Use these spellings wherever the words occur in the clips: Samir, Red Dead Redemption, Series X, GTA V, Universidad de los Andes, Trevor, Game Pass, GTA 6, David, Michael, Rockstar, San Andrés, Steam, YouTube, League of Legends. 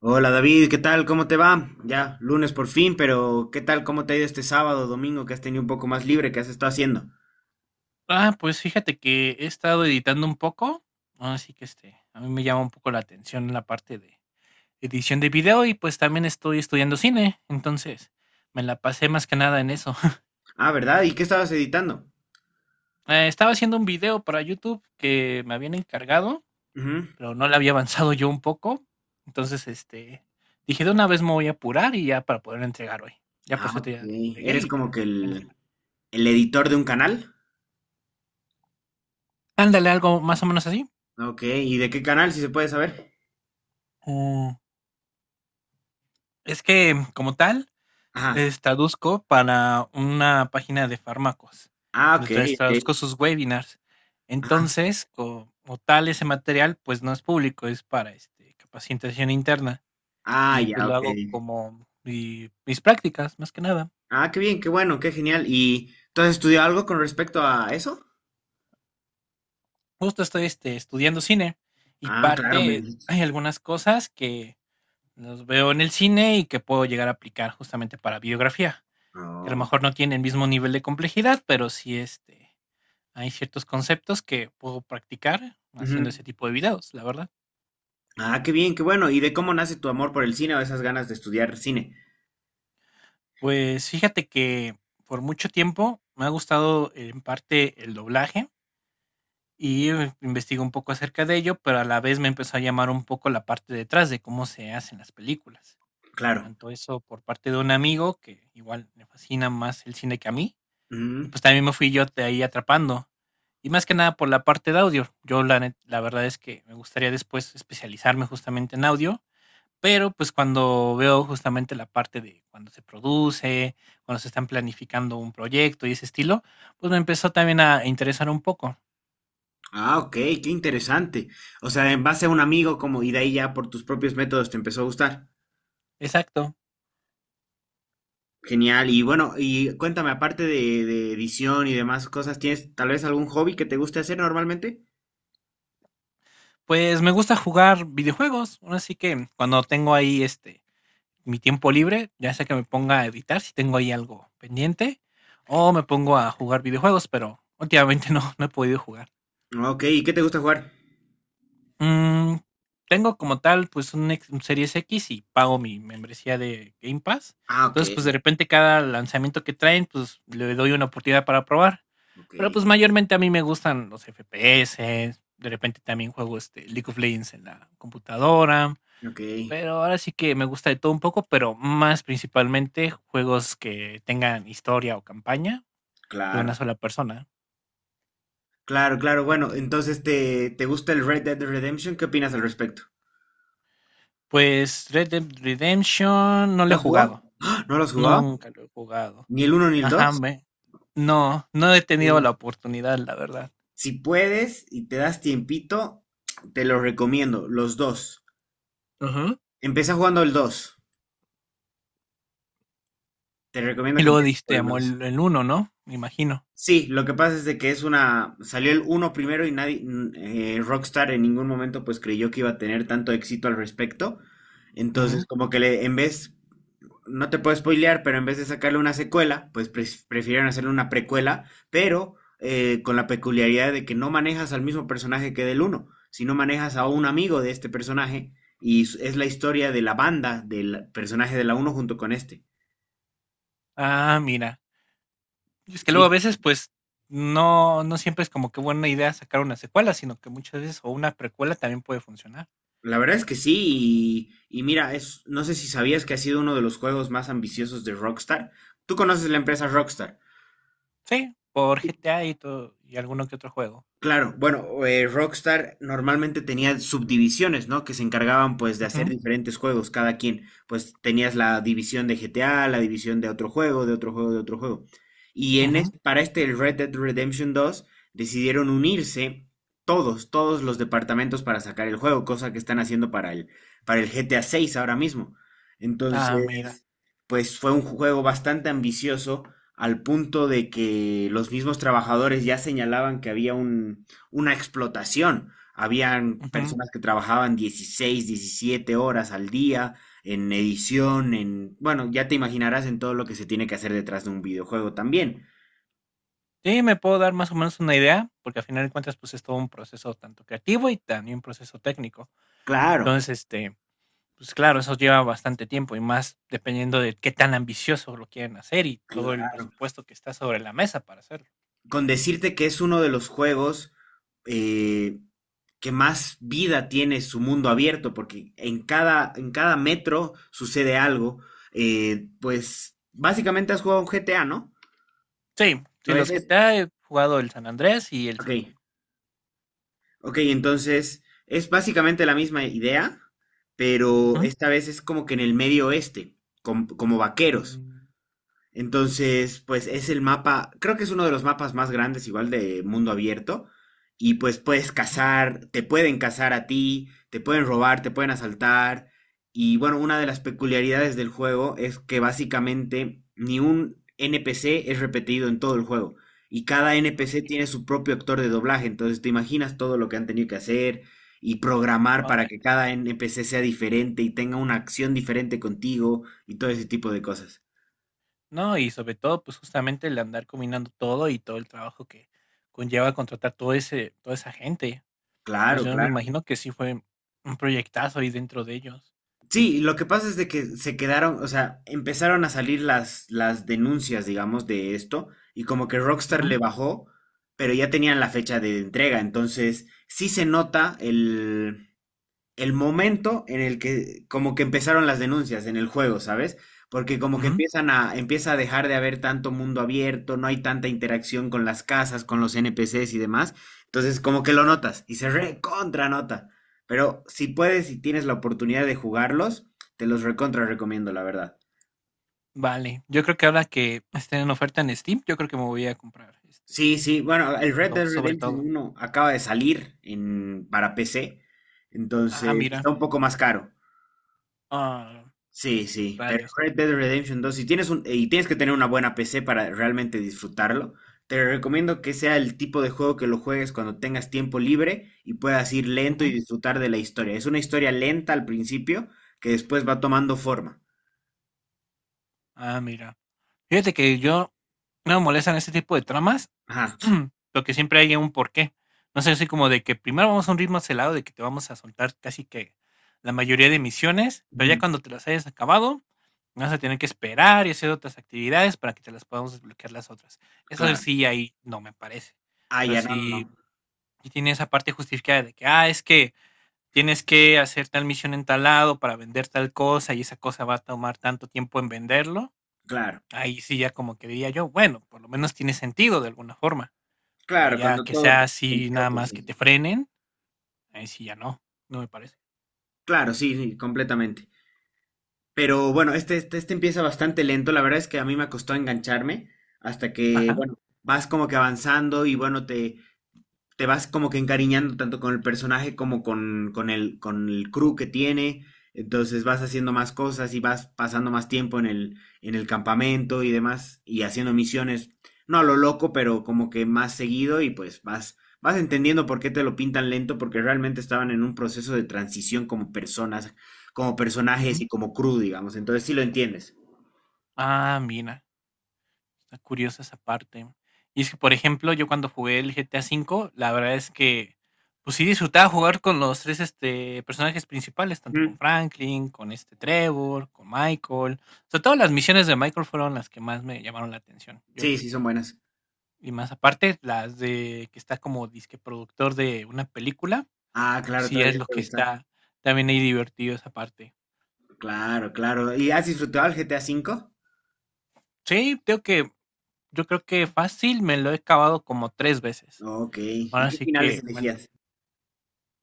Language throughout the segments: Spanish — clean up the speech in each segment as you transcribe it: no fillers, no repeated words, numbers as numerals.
Hola David, ¿qué tal? ¿Cómo te va? Ya, lunes por fin, pero ¿qué tal? ¿Cómo te ha ido este sábado, domingo, que has tenido un poco más libre? ¿Qué has estado haciendo? Ah, pues fíjate que he estado editando un poco, así que, a mí me llama un poco la atención la parte de edición de video y, pues, también estoy estudiando cine, entonces me la pasé más que nada en eso. Ah, ¿verdad? ¿Y qué estabas editando? Estaba haciendo un video para YouTube que me habían encargado, Ujú. pero no le había avanzado yo un poco, entonces, dije: "De una vez me voy a apurar y ya para poder entregar hoy". Ya, Ah, por cierto, ok. ya lo entregué ¿Eres y ya, como que menos mal. el editor de un canal? Ándale, algo más o menos así. Ok, ¿y de qué canal, si se puede saber? Mm, es que como tal. Ajá. Es, traduzco para una página de fármacos. Ah, ok, Entonces ok. traduzco sus webinars. Ajá. Entonces, como tal, ese material, pues no es público, es para capacitación interna. Ah, Y pues ya, lo ok. hago como mis prácticas, más que nada. Ah, qué bien, qué bueno, qué genial. ¿Y tú has estudiado algo con respecto a eso? Justo estoy estudiando cine y Ah, claro, me parte, dijiste. hay algunas cosas que los veo en el cine y que puedo llegar a aplicar justamente para biografía, que a lo Oh. mejor no tiene el mismo nivel de complejidad, pero sí hay ciertos conceptos que puedo practicar haciendo Ujú. ese tipo de videos, la verdad. Ah, qué bien, qué bueno. ¿Y de cómo nace tu amor por el cine o esas ganas de estudiar cine? Pues fíjate que por mucho tiempo me ha gustado en parte el doblaje y investigué un poco acerca de ello, pero a la vez me empezó a llamar un poco la parte detrás de cómo se hacen las películas. Claro. Tanto eso por parte de un amigo que igual le fascina más el cine que a mí, y Mm. pues también me fui yo de ahí atrapando. Y más que nada por la parte de audio. Yo la, la verdad es que me gustaría después especializarme justamente en audio. Pero, pues, cuando veo justamente la parte de cuando se produce, cuando se están planificando un proyecto y ese estilo, pues, me empezó también a interesar un poco. Ah, ok, qué interesante. O sea, en base a un amigo como y de ahí ya por tus propios métodos te empezó a gustar. Exacto. Genial. Y bueno, y cuéntame, aparte de edición y demás cosas, ¿tienes tal vez algún hobby que te guste hacer normalmente? Pues, me gusta jugar videojuegos, ahora sí que cuando tengo ahí, mi tiempo libre, ya sea que me ponga a editar si tengo ahí algo pendiente, o me pongo a jugar videojuegos, pero últimamente no, no he podido jugar. Ok, ¿y qué te gusta jugar? Mm, tengo como tal, pues, un Series X y pago mi membresía de Game Pass. Ah, ok, Entonces, pues, de repente cada lanzamiento que traen, pues, le doy una oportunidad para probar. ok, Pero, pues, mayormente a mí me gustan los FPS, de repente también juego, League of Legends en la computadora, ok. pero ahora sí que me gusta de todo un poco, pero más principalmente juegos que tengan historia o campaña de una Claro, sola persona. claro, claro. Bueno, entonces, ¿te gusta el Red Dead Redemption? ¿Qué opinas al respecto? Pues, Red Dead Redemption no lo ¿Lo he has jugado? jugado. ¡Ah! ¿No lo has jugado? Nunca lo he jugado. ¿Ni el uno ni el Ajá, 2. me... No, no he tenido la oportunidad, la verdad. Si puedes y te das tiempito, te los recomiendo, los dos. Ajá. Empieza jugando el 2. Te recomiendo Y que luego empieces por diste el amor dos. el, uno, ¿no? Me imagino. Sí, lo que pasa es de que es una... Salió el uno primero y nadie... Rockstar en ningún momento pues creyó que iba a tener tanto éxito al respecto. Entonces Ujú. como que le, en vez no te puedo spoilear, pero en vez de sacarle una secuela, pues prefirieron hacerle una precuela, pero con la peculiaridad de que no manejas al mismo personaje que del uno, sino manejas a un amigo de este personaje y es la historia de la banda del personaje de la uno junto con este. Ah, mira. Es que Sí, luego a veces, pues, no, no siempre es como que buena idea sacar una secuela, sino que muchas veces, o una precuela también puede funcionar. la verdad es que sí, y mira, es, no sé si sabías que ha sido uno de los juegos más ambiciosos de Rockstar. Tú conoces la empresa ¿No? Rockstar. Sí, por G T A y todo, y alguno que otro juego. Claro, bueno, Rockstar normalmente tenía subdivisiones, ¿no? Que se encargaban pues de hacer Ujú, diferentes juegos, cada quien. Pues tenías la división de GTA, la división de otro juego, de otro juego, de otro juego. Y ujú. para este el Red Dead Redemption 2 decidieron unirse todos los departamentos para sacar el juego, cosa que están haciendo para el GTA 6 ahora mismo. Ah, mira. Entonces, pues fue un juego bastante ambicioso al punto de que los mismos trabajadores ya señalaban que una explotación. Habían Ujú. personas que trabajaban 16 17 horas al día en edición, en... Bueno, ya te imaginarás en todo lo que se tiene que hacer detrás de un videojuego también. Sí, me puedo dar más o menos una idea, porque al final de cuentas, pues es todo un proceso tanto creativo y también un proceso técnico. Claro, Entonces, pues claro, eso lleva bastante tiempo y más dependiendo de qué tan ambicioso lo quieren hacer y todo el claro. presupuesto que está sobre la mesa para hacerlo. Con decirte que es uno de los juegos eh, que más vida tiene su mundo abierto, porque en cada metro sucede algo. Pues básicamente has jugado un G T A, ¿no? Sí, sí, A los veces. GTA he jugado el San Andrés y el Ok, cinco. ok, entonces es básicamente la misma idea, pero Ujú. esta vez es como que en el medio oeste, como vaqueros. Mm, Entonces, pues es el mapa, creo que es uno de los mapas más grandes, igual de mundo abierto. Y pues puedes ujú. cazar, te pueden cazar a ti, te pueden robar, te pueden asaltar. Y bueno, una de las peculiaridades del juego es que básicamente ni un NPC es repetido en todo el juego. Y cada NPC Ay, tiene su propio actor de doblaje. Entonces te imaginas todo lo que han tenido que hacer y programar para hola. que cada NPC sea diferente y tenga una acción diferente contigo y todo ese tipo de cosas. No, y sobre todo, pues justamente el andar combinando todo y todo el trabajo que conlleva contratar todo ese, toda esa gente. Claro, Entonces yo me claro. imagino que sí fue un proyectazo ahí dentro de ellos. Sí, lo que pasa es de que se quedaron, o sea, empezaron a salir las denuncias, digamos, de esto, y como que Rockstar Ujú, le bajó, pero ya tenían la fecha de entrega, entonces sí se nota el momento en el que como que empezaron las denuncias en el juego, ¿sabes? Porque como que ujú. Empieza a dejar de haber tanto mundo abierto, no hay tanta interacción con las casas, con los NPCs y demás. Entonces como que lo notas y se recontra nota. Pero si puedes y tienes la oportunidad de jugarlos, te los recontra recomiendo, la verdad. Vale, yo creo que ahora que esté en oferta en Steam, yo creo que me voy a comprar, Sí, sí, bueno, el el Red Dead 2 sobre Redemption todo. uno acaba de salir para PC, Ah, entonces está mira. un poco más caro. Ah, Sí, sí, pero rayos. Red Dead Redemption 2, si tienes un, y tienes que tener una buena PC para realmente disfrutarlo, te recomiendo que sea el tipo de juego que lo juegues cuando tengas tiempo libre y puedas ir lento Ujú. y disfrutar de la historia. Es una historia lenta al principio que después va tomando forma. Ah, mira. Fíjate que yo no me molestan ese tipo de tramas, Ajá, lo que siempre hay un porqué. No sé, así como de que primero vamos a un ritmo acelerado de que te vamos a soltar casi que la mayoría de misiones, pero ya ujú, cuando te las hayas acabado, vas a tener que esperar y hacer otras actividades para que te las podamos desbloquear las otras. Eso claro. sí, ahí no me parece. Ah, Pero ya, no, no, no. sí y tiene esa parte justificada de que, ah, es que tienes que hacer tal misión en tal lado para vender tal cosa y esa cosa va a tomar tanto tiempo en venderlo, Claro, ahí sí ya como que diría yo, bueno, por lo menos tiene sentido de alguna forma, pero claro, ya cuando que todo sea tenga así sentido, nada pues más que sí. te frenen, ahí sí ya no, no me parece. Claro, sí, sí, completamente. Pero bueno, este empieza bastante lento. La verdad es que a mí me costó engancharme hasta que, Ajá. bueno, vas como que avanzando y bueno, te vas como que encariñando tanto con el personaje como con el crew que tiene. Entonces vas haciendo más cosas y vas pasando más tiempo en el campamento y demás, y haciendo misiones, no a lo loco, pero como que más seguido y pues vas, vas entendiendo por qué te lo pintan lento, porque realmente estaban en un Ujú, proceso de transición como personas, como personajes ujú. y como crew, digamos. Entonces sí lo entiendes. Ah, mira. Está curiosa esa parte. Y es que, por ejemplo, yo cuando jugué el GTA V, la verdad es que, pues sí disfrutaba jugar con los tres personajes principales, tanto con Ujú. Franklin, con Trevor, con Michael. Sobre todo las misiones de Michael fueron las que más me llamaron la atención, yo Sí, sí, son diría. buenas. Y más aparte, las de que está como disque productor de una película, Ah, pues claro, sí es todavía lo que puede estar. está también ahí divertido esa parte. Claro, claro. ¿Y has disfrutado el GTA cinco? Sí, tengo que, yo creo que fácil me lo he acabado como tres veces. Ok, ¿y Ahora qué sí finales que me, elegías?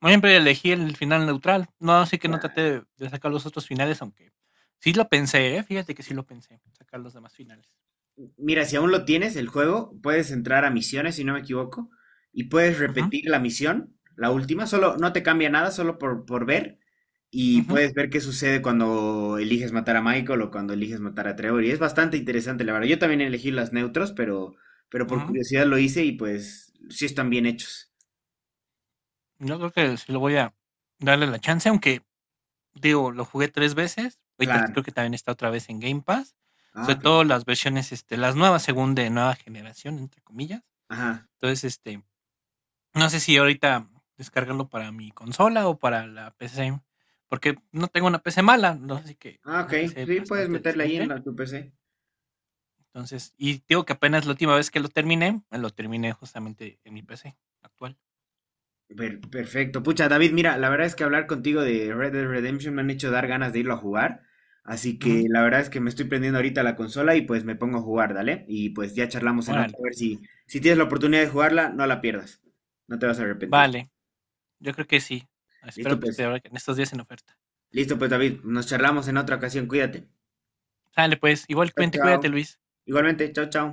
Siempre elegí el final neutral. No, así que no traté Claro. de sacar los otros finales, aunque sí lo pensé, ¿eh? Fíjate que sí lo pensé, sacar los demás finales. Mira, si aún lo tienes, el juego, puedes entrar a misiones, si no me equivoco, y puedes Ujú, repetir la misión, la última, solo no te cambia nada, solo por ver, y ujú, puedes ver qué sucede cuando eliges matar a Michael o cuando eliges matar a Trevor, y es bastante interesante, la verdad. Yo también elegí las neutros, pero por ujú. curiosidad lo hice y pues sí están bien hechos. Yo creo que sí lo voy a darle la chance, aunque digo, lo jugué tres veces. Ahorita Claro. creo que también está otra vez en Game Pass. Ah, Sobre ok. todo las versiones, las nuevas, según de nueva generación, entre comillas. Ajá. Entonces, no sé si ahorita descargarlo para mi consola o para la PC, porque no tengo una PC mala, ¿no? Así que Ah, ok. una PC Sí, puedes bastante meterla ahí en decente. la, tu PC. Entonces, y digo que apenas la última vez que lo terminé justamente en mi PC actual. Perfecto. Pucha, David, mira, la verdad es que hablar contigo de Red Dead Redemption me han hecho dar ganas de irlo a jugar. Así Ujú. que la verdad es que me estoy prendiendo ahorita la consola y pues me pongo a jugar, dale. Y pues ya charlamos en otra. Órale, A ver pues. si, si tienes la oportunidad de jugarla, no la pierdas. No te vas a arrepentir. Vale, yo creo que sí. Espero Listo, que pues. esté en estos días en oferta. Listo, pues, David. Nos charlamos en otra ocasión. Cuídate. Sale, pues. Chao, Igualmente, chao. cuídate, Luis. Igualmente, chao, chao.